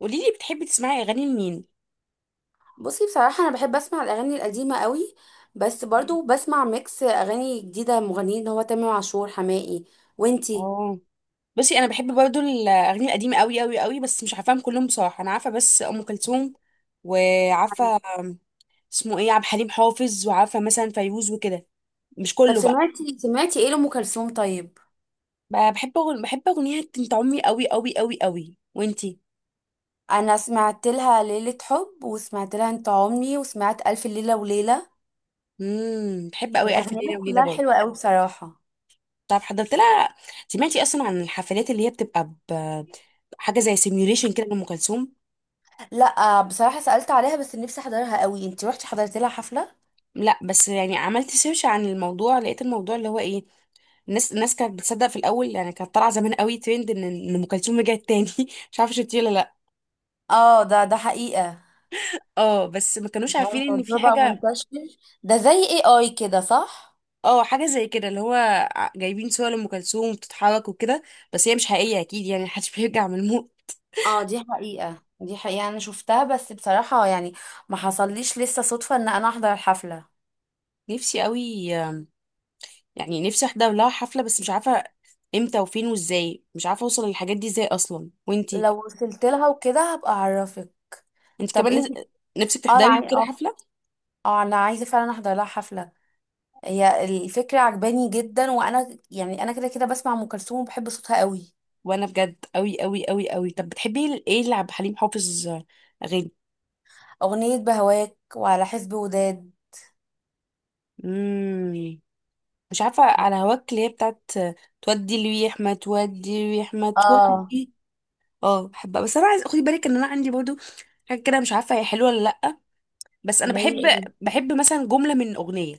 قولي لي بتحبي تسمعي اغاني لمين؟ بصي، بصراحة أنا بحب أسمع الأغاني القديمة قوي. بس مم. برضو بسمع ميكس أغاني جديدة مغنيين، اللي هو تامر عاشور، حماقي. وانتي؟ اه، بصي انا بحب برضو الاغاني القديمه قوي قوي قوي، بس مش عارفاهم كلهم بصراحه. انا عارفه بس ام كلثوم وعارفه اسمه ايه عبد الحليم حافظ، وعارفه مثلا فيروز وكده. مش طب كله بقى. سمعتي ايه لأم كلثوم طيب؟ بحب بحب اغنيه انت عمي قوي قوي قوي قوي. وانتي؟ أنا سمعت لها ليلة حب، وسمعت لها انت عمري، وسمعت ألف ليلة وليلة. بحب قوي الف أغانيها ليله وليله كلها برضو. حلوة قوي بصراحة. طب حضرت لها؟ سمعتي اصلا عن الحفلات اللي هي بتبقى حاجه زي سيميوليشن كده لام كلثوم؟ لا. آه، بصراحة سألت عليها بس نفسي أحضرها قوي. انتي روحتي حضرت لها حفلة؟ لا، بس يعني عملت سيرش عن الموضوع، لقيت الموضوع اللي هو ايه، الناس كانت بتصدق في الاول. يعني كانت طالعه زمان قوي ترند ان ام كلثوم رجعت تاني. مش عارفه شفتيه ولا لا. اه، ده حقيقة. اه، بس ما كانوش ده عارفين ان في الموضوع بقى حاجه. منتشر. ده زي اي كده، صح؟ اه، حاجه زي كده اللي هو جايبين صور لام كلثوم بتتحرك وكده، بس هي مش حقيقيه اكيد يعني. محدش بيرجع من الموت. اه دي حقيقة، دي حقيقة، انا شفتها بس بصراحة يعني ما حصليش لسه صدفة ان انا احضر الحفلة. نفسي قوي. يعني نفسي احضر لها حفله، بس مش عارفه امتى وفين وازاي. مش عارفه اوصل للحاجات دي ازاي اصلا. وانتي؟ لو وصلت لها وكده هبقى اعرفك. انت طب كمان انت؟ نفسك اه انا تحضري عاي- وكده اه حفله؟ اه انا عايزة فعلا احضر لها حفلة. هي الفكرة عجباني جدا، وانا يعني انا كده كده بسمع ام كلثوم وبحب صوتها قوي. وانا بجد قوي قوي قوي قوي. طب بتحبي ايه اللي عبد الحليم حافظ اغاني؟ اغنية بهواك، وعلى حسب وداد. امم مش عارفه على هواك اللي هي بتاعت تودي الريح ما تودي الريح ما اه، تودي. اه، بحبها. بس انا عايز خدي بالك ان انا عندي برضو حاجه كده، مش عارفه هي حلوه ولا لا، بس انا اللي هي بحب. ايه؟ بحب مثلا جمله من اغنيه.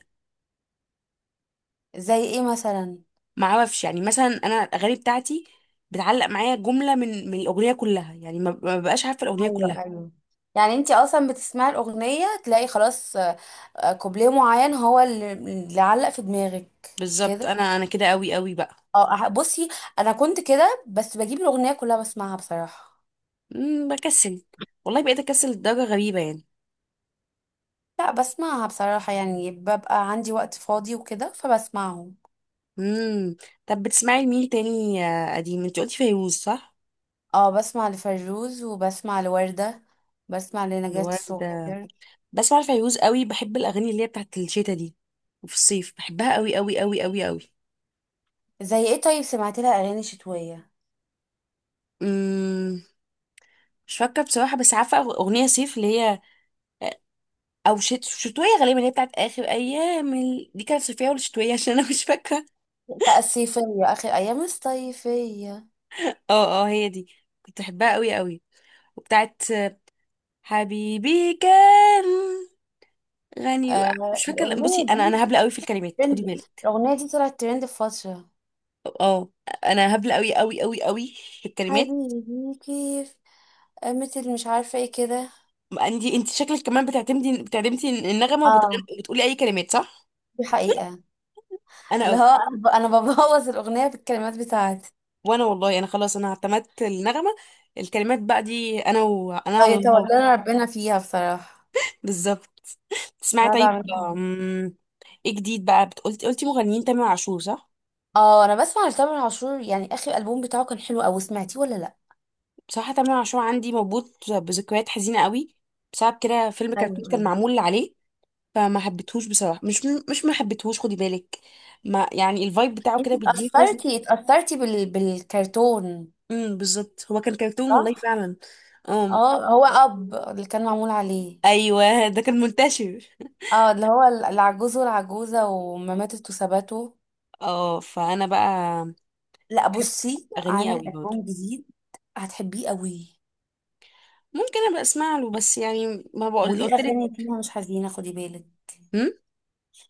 زي ايه مثلا؟ ما اعرفش يعني، مثلا انا الاغاني بتاعتي بتعلق معايا جمله من الاغنيه كلها. يعني ما ببقاش عارفه الاغنيه كلها. ايوه ايوه، يعني انت اصلا بتسمعي الاغنية تلاقي خلاص آه، كوبليه معين هو اللي علق في دماغك بالظبط، كده. انا كده قوي قوي بقى. بصي، انا كنت كده بس بجيب الاغنيه كلها بسمعها بصراحه. بكسل والله، بقيت اكسل لدرجة غريبة يعني. لا بسمعها بصراحه، يعني ببقى عندي وقت فاضي وكده فبسمعهم. امم. طب بتسمعي لمين تاني يا قديم؟ انت قلتي فيروز صح؟ اه بسمع لفيروز، وبسمع لوردة، بسمع لنجاة الواد ده الصغير. بسمع فيروز قوي. بحب الاغاني اللي هي بتاعت الشتا دي، وفي الصيف بحبها قوي قوي قوي قوي قوي. زي ايه طيب؟ سمعت لها اغاني شتويه؟ امم مش فاكرة بصراحة، بس عارفة أغنية صيف اللي هي أو شتوية غالبا، اللي هي بتاعت آخر أيام دي كانت صيفية ولا شتوية؟ عشان أنا مش فاكرة. لا الصيفيه، اخر ايام الصيفيه. اه اه، هي دي. كنت بحبها قوي قوي. وبتاعت حبيبي كان غني آه مش فاكره. بصي، الاغنيه انا دي هبله قوي في الكلمات، خدي ترند، بالك. الاغنيه دي طلعت ترند في فتره. اه، انا هبله قوي قوي قوي قوي في الكلمات. حبيبي كيف قامت، اللي مش عارفة ايه كده. عندي انت شكلك كمان بتعتمدي النغمه وبتغني اه وبتقولي اي كلمات صح؟ دي حقيقة. انا اللي هو قوي. أنا ببوظ الأغنية بالكلمات بتاعتي. وانا والله انا خلاص، انا اعتمدت النغمه، الكلمات بقى دي انا وانا اه على الله. يتولى ربنا فيها بصراحة. بالظبط. تسمعي انا طيب؟ بعمل كده. أم، ايه جديد بقى قلتي قلتي مغنيين تامر عاشور صح؟ اه انا بسمع لتامر عاشور، يعني اخر ألبوم بتاعه كان حلو اوي. سمعتيه ولا لا؟ بصراحه تامر عاشور عندي مربوط بذكريات حزينه قوي، بسبب كده فيلم كرتون ايوه كان ايوه. معمول عليه، فما حبيتهوش بصراحه. مش مش ما حبيتهوش خدي بالك، ما يعني الفايب بتاعه انت كده بيديني حزن. اتأثرتي بالكرتون؟ بالظبط، هو كان كرتون والله صح. فعلا. امم. اه هو اب اللي كان معمول عليه. ايوه، ده كان منتشر. اه اللي هو العجوز والعجوزة، وما ماتت وثباتوا. اه، فانا بقى لا بحب بصي، اغانيه عامل قوي برضه. ألبوم جديد. هتحبيه قوي. ممكن ابقى اسمع له، بس يعني ما بقول، وليه قلت لك. اغاني فيها مش حزينه خدي بالك،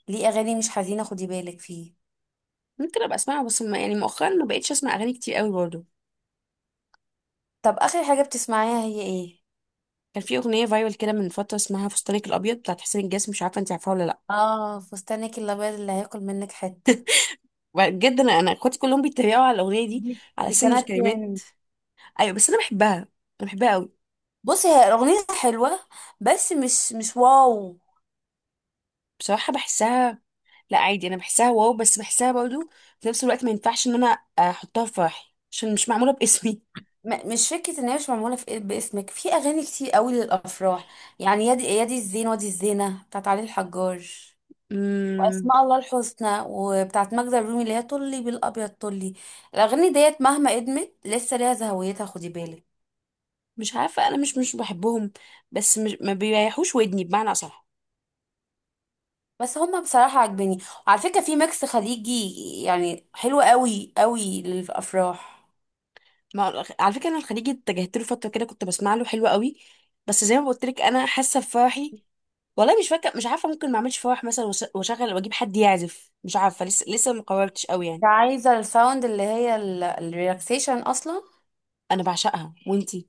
ليه اغاني مش حزينه خدي بالك فيه. ممكن ابقى اسمعه، بس ما يعني مؤخرا ما بقتش اسمع اغاني كتير قوي برضه. طب اخر حاجه بتسمعيها هي ايه؟ كان في اغنيه فايرال كده من فتره، اسمها فستانك الابيض بتاعت حسين الجسمي. مش عارفه انت عارفاها ولا لا. اه فستانك الابيض، اللي هياكل منك حته. بجد انا، انا اخواتي كلهم بيتريقوا على الاغنيه دي دي على دي سن كانت الكلمات. ترند. ايوه، بس انا بحبها. انا بحبها قوي. بصي هي اغنيه حلوه، بس مش واو. بصراحه بحسها، لا عادي، انا بحسها واو، بس بحسها برضو في نفس الوقت. ما ينفعش ان انا احطها في فرحي عشان مش معموله باسمي. مش فكره ان هي مش معموله في إيه، باسمك في اغاني كتير قوي للافراح. يعني يادي يادي الزين وادي الزينه بتاعت علي الحجار، امم، واسماء الله الحسنى وبتاعت ماجدة الرومي اللي هي طلي بالابيض طلي. الاغاني ديت مهما قدمت لسه ليها زهويتها خدي بالك. مش عارفه، انا مش مش بحبهم. بس مش ما بيريحوش ودني بمعنى اصح. بس هما بصراحة عاجبني. وعلى فكرة، في ميكس خليجي يعني حلو قوي قوي للأفراح. ما على فكره، انا الخليجي اتجهت له فتره كده، كنت بسمع له حلو قوي. بس زي ما قلت لك، انا حاسه بفرحي والله، مش فاكره. مش عارفه، ممكن ما اعملش فرح مثلا واشغل واجيب حد يعزف، مش عارفه. لسه ما قررتش قوي يعني. عايزة الساوند اللي هي الريلاكسيشن أصلا. انا بعشقها. وانتي؟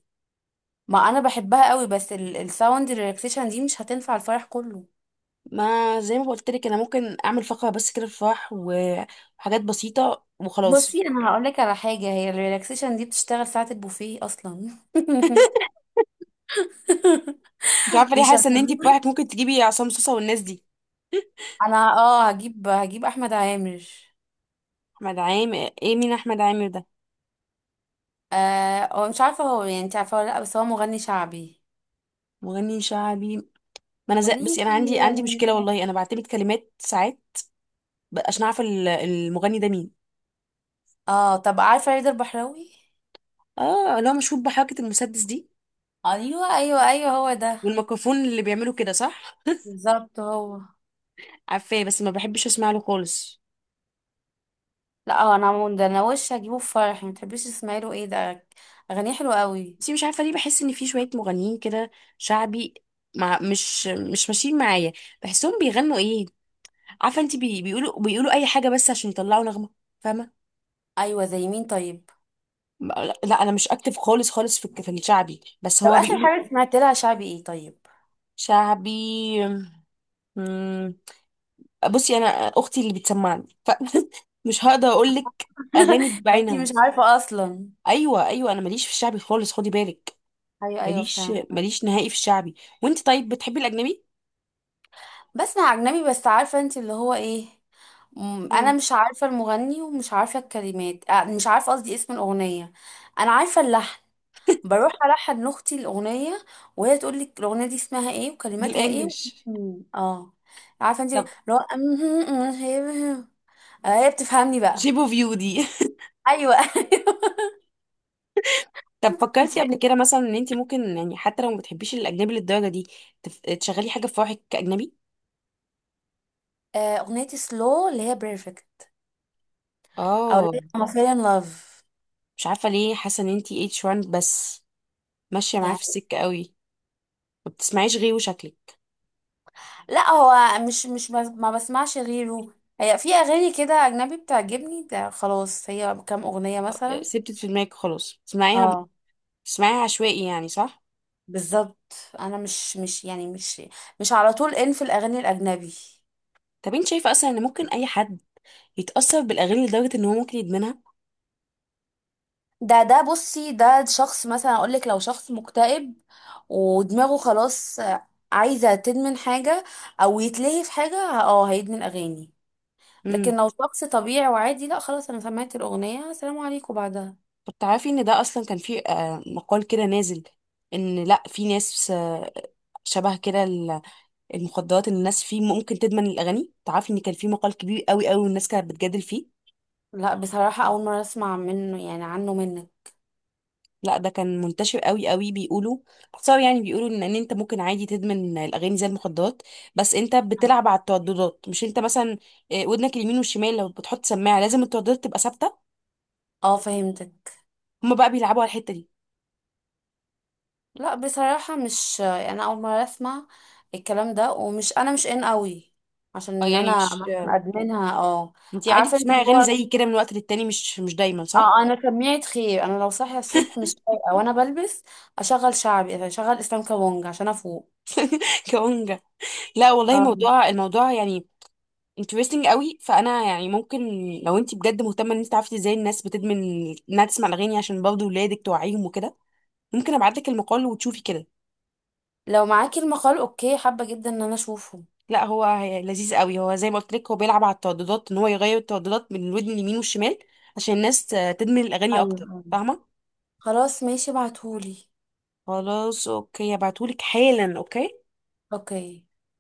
ما أنا بحبها قوي، بس الساوند الريلاكسيشن دي مش هتنفع الفرح كله. ما زي ما قلت لك، انا ممكن اعمل فقره بس كده بفرح وحاجات بسيطه بصي وخلاص. أنا هقولك على حاجة، هي الريلاكسيشن دي بتشتغل ساعة البوفيه أصلا مش عارفه ليه حاسه ان انتي بيشغلوه. بفرحك ممكن تجيبي عصام صوصه والناس دي. أنا اه هجيب أحمد عامر. احمد عامر؟ ايه مين احمد عامر ده؟ آه هو مش عارفة هو، يعني انت عارفة ولا لأ، بس هو مغني شعبي. مغني شعبي. ما انا زي... بس قوليلي انا عندي عندي يعني. مشكله والله، انا بعتمد كلمات ساعات عشان اعرف المغني ده مين. اه، طب عارفة رضا البحراوي؟ اه اللي هو مشهور بحركه المسدس دي ايوه ايوه ايوه، هو ده. والميكروفون اللي بيعملوا كده صح؟ بالظبط هو. عارفاه بس ما بحبش اسمع له خالص. لا اه انا عمون ده انا وش هجيبه في فرحي. ما تحبيش تسمعي له؟ ايه ده، اغانيه حلوه قوي. بس مش عارفه ليه بحس ان في شويه مغنيين كده شعبي مع مش مش ماشيين معايا. بحسهم بيغنوا ايه؟ عارفه انت، بي بيقولوا اي حاجه بس عشان يطلعوا نغمه، فاهمه؟ ايوه زي مين طيب؟ لا انا مش اكتف خالص خالص في في الشعبي، بس طب هو اخر بيقولوا حاجه سمعت لها شعبي ايه طيب؟ شعبي. مم، بصي انا اختي اللي بتسمعني، فمش هقدر اقول لك اغاني ما انتي مش بعينها. عارفه اصلا. ايوه ايوه، انا ماليش في الشعبي خالص خدي بالك. ايوه ايوه ماليش فاهمة. ماليش نهائي في الشعبي. وانت طيب، بتحبي الاجنبي؟ بسمع اجنبي، بس عارفه انتي اللي هو ايه، مم، انا امم مش عارفه المغني ومش عارفه الكلمات آه، مش عارفه قصدي اسم الاغنيه. انا عارفه اللحن، بروح ألحن لأختي الأغنية، وهي تقول لي الأغنية دي اسمها ايه وكلماتها ايه بالانجلش، مم. اه. عارفة انت، لو هي بتفهمني بقى. شيبو فيو دي. أيوة. طب فكرتي دي- قبل كده مثلا ان انت ممكن يعني، حتى لو ما بتحبيش الاجنبي للدرجه دي، تشغلي حاجه في فرحك كاجنبي؟ آه، أغنية سلو اللي هي بيرفكت. أو اللي اه، هي I'm fell in love مش عارفه ليه حاسه ان انت اتش 1 بس ماشيه معاه في يعني. السكه قوي. ما بتسمعيش غيره شكلك. لا هو مش ما بسمعش غيره. هي في أغاني كده أجنبي بتعجبني، ده خلاص هي كام أغنية مثلا. سبتت في دماغك خلاص، تسمعيها. اه. تسمعيها عشوائي يعني صح؟ بالظبط. أنا مش يعني مش على طول إن في الأغاني الأجنبي. طب انت شايفه اصلا ان ممكن اي حد يتاثر بالاغاني لدرجه ان هو ممكن يدمنها؟ ده بصي، ده شخص مثلا اقول لك، لو شخص مكتئب ودماغه خلاص، عايزة تدمن حاجة او يتلهي في حاجة، اه هيدمن اغاني. امم. لكن لو شخص طبيعي وعادي لا خلاص، انا سمعت الاغنية السلام عليكم بعدها. طب تعرفي ان ده اصلا كان في مقال كده نازل، ان لا في ناس شبه كده المخدرات، ان الناس فيه ممكن تدمن الاغاني؟ تعرفي ان كان في مقال كبير قوي قوي والناس كانت بتجادل فيه؟ لا بصراحة اول مرة اسمع منه، يعني عنه منك. لا ده كان منتشر قوي قوي. بيقولوا باختصار يعني، بيقولوا ان انت ممكن عادي تدمن الاغاني زي المخدرات، بس انت بتلعب على الترددات. مش انت مثلا ودنك اليمين والشمال، لو بتحط سماعه لازم الترددات تبقى ثابته؟ اه فهمتك. هما بقى بيلعبوا على الحته دي. لا بصراحة مش انا اول مرة اسمع الكلام ده، ومش انا مش ان قوي عشان اه، ان يعني انا مش مثلا ادمنها اه. انت عادي عارفه انت بتسمعي اللي اغاني هو، زي كده من وقت للتاني، مش مش دايما اه صح؟ انا سميت خير، انا لو صاحيه الصبح مش فايقه وانا بلبس اشغل شعبي، يعني اشغل اسلام كابونج عشان افوق. كونجا. لا والله، اه، الموضوع يعني انترستنج قوي، فانا يعني ممكن، لو انت بجد مهتمه ان انت تعرفي ازاي الناس بتدمن انها تسمع الاغاني، عشان برضه ولادك توعيهم وكده، ممكن ابعت لك المقال وتشوفي كده. لو معاكي المقال اوكي، حابه جدا ان انا اشوفه. لا هو لذيذ قوي. هو زي ما قلت لك، هو بيلعب على الترددات، ان هو يغير الترددات من الودن اليمين والشمال، عشان الناس تدمن الاغاني ايوه اكتر، ايوه فاهمه؟ خلاص ماشي، ابعتهولي. خلاص اوكي، ابعتهولك حالا. اوكي. اوكي.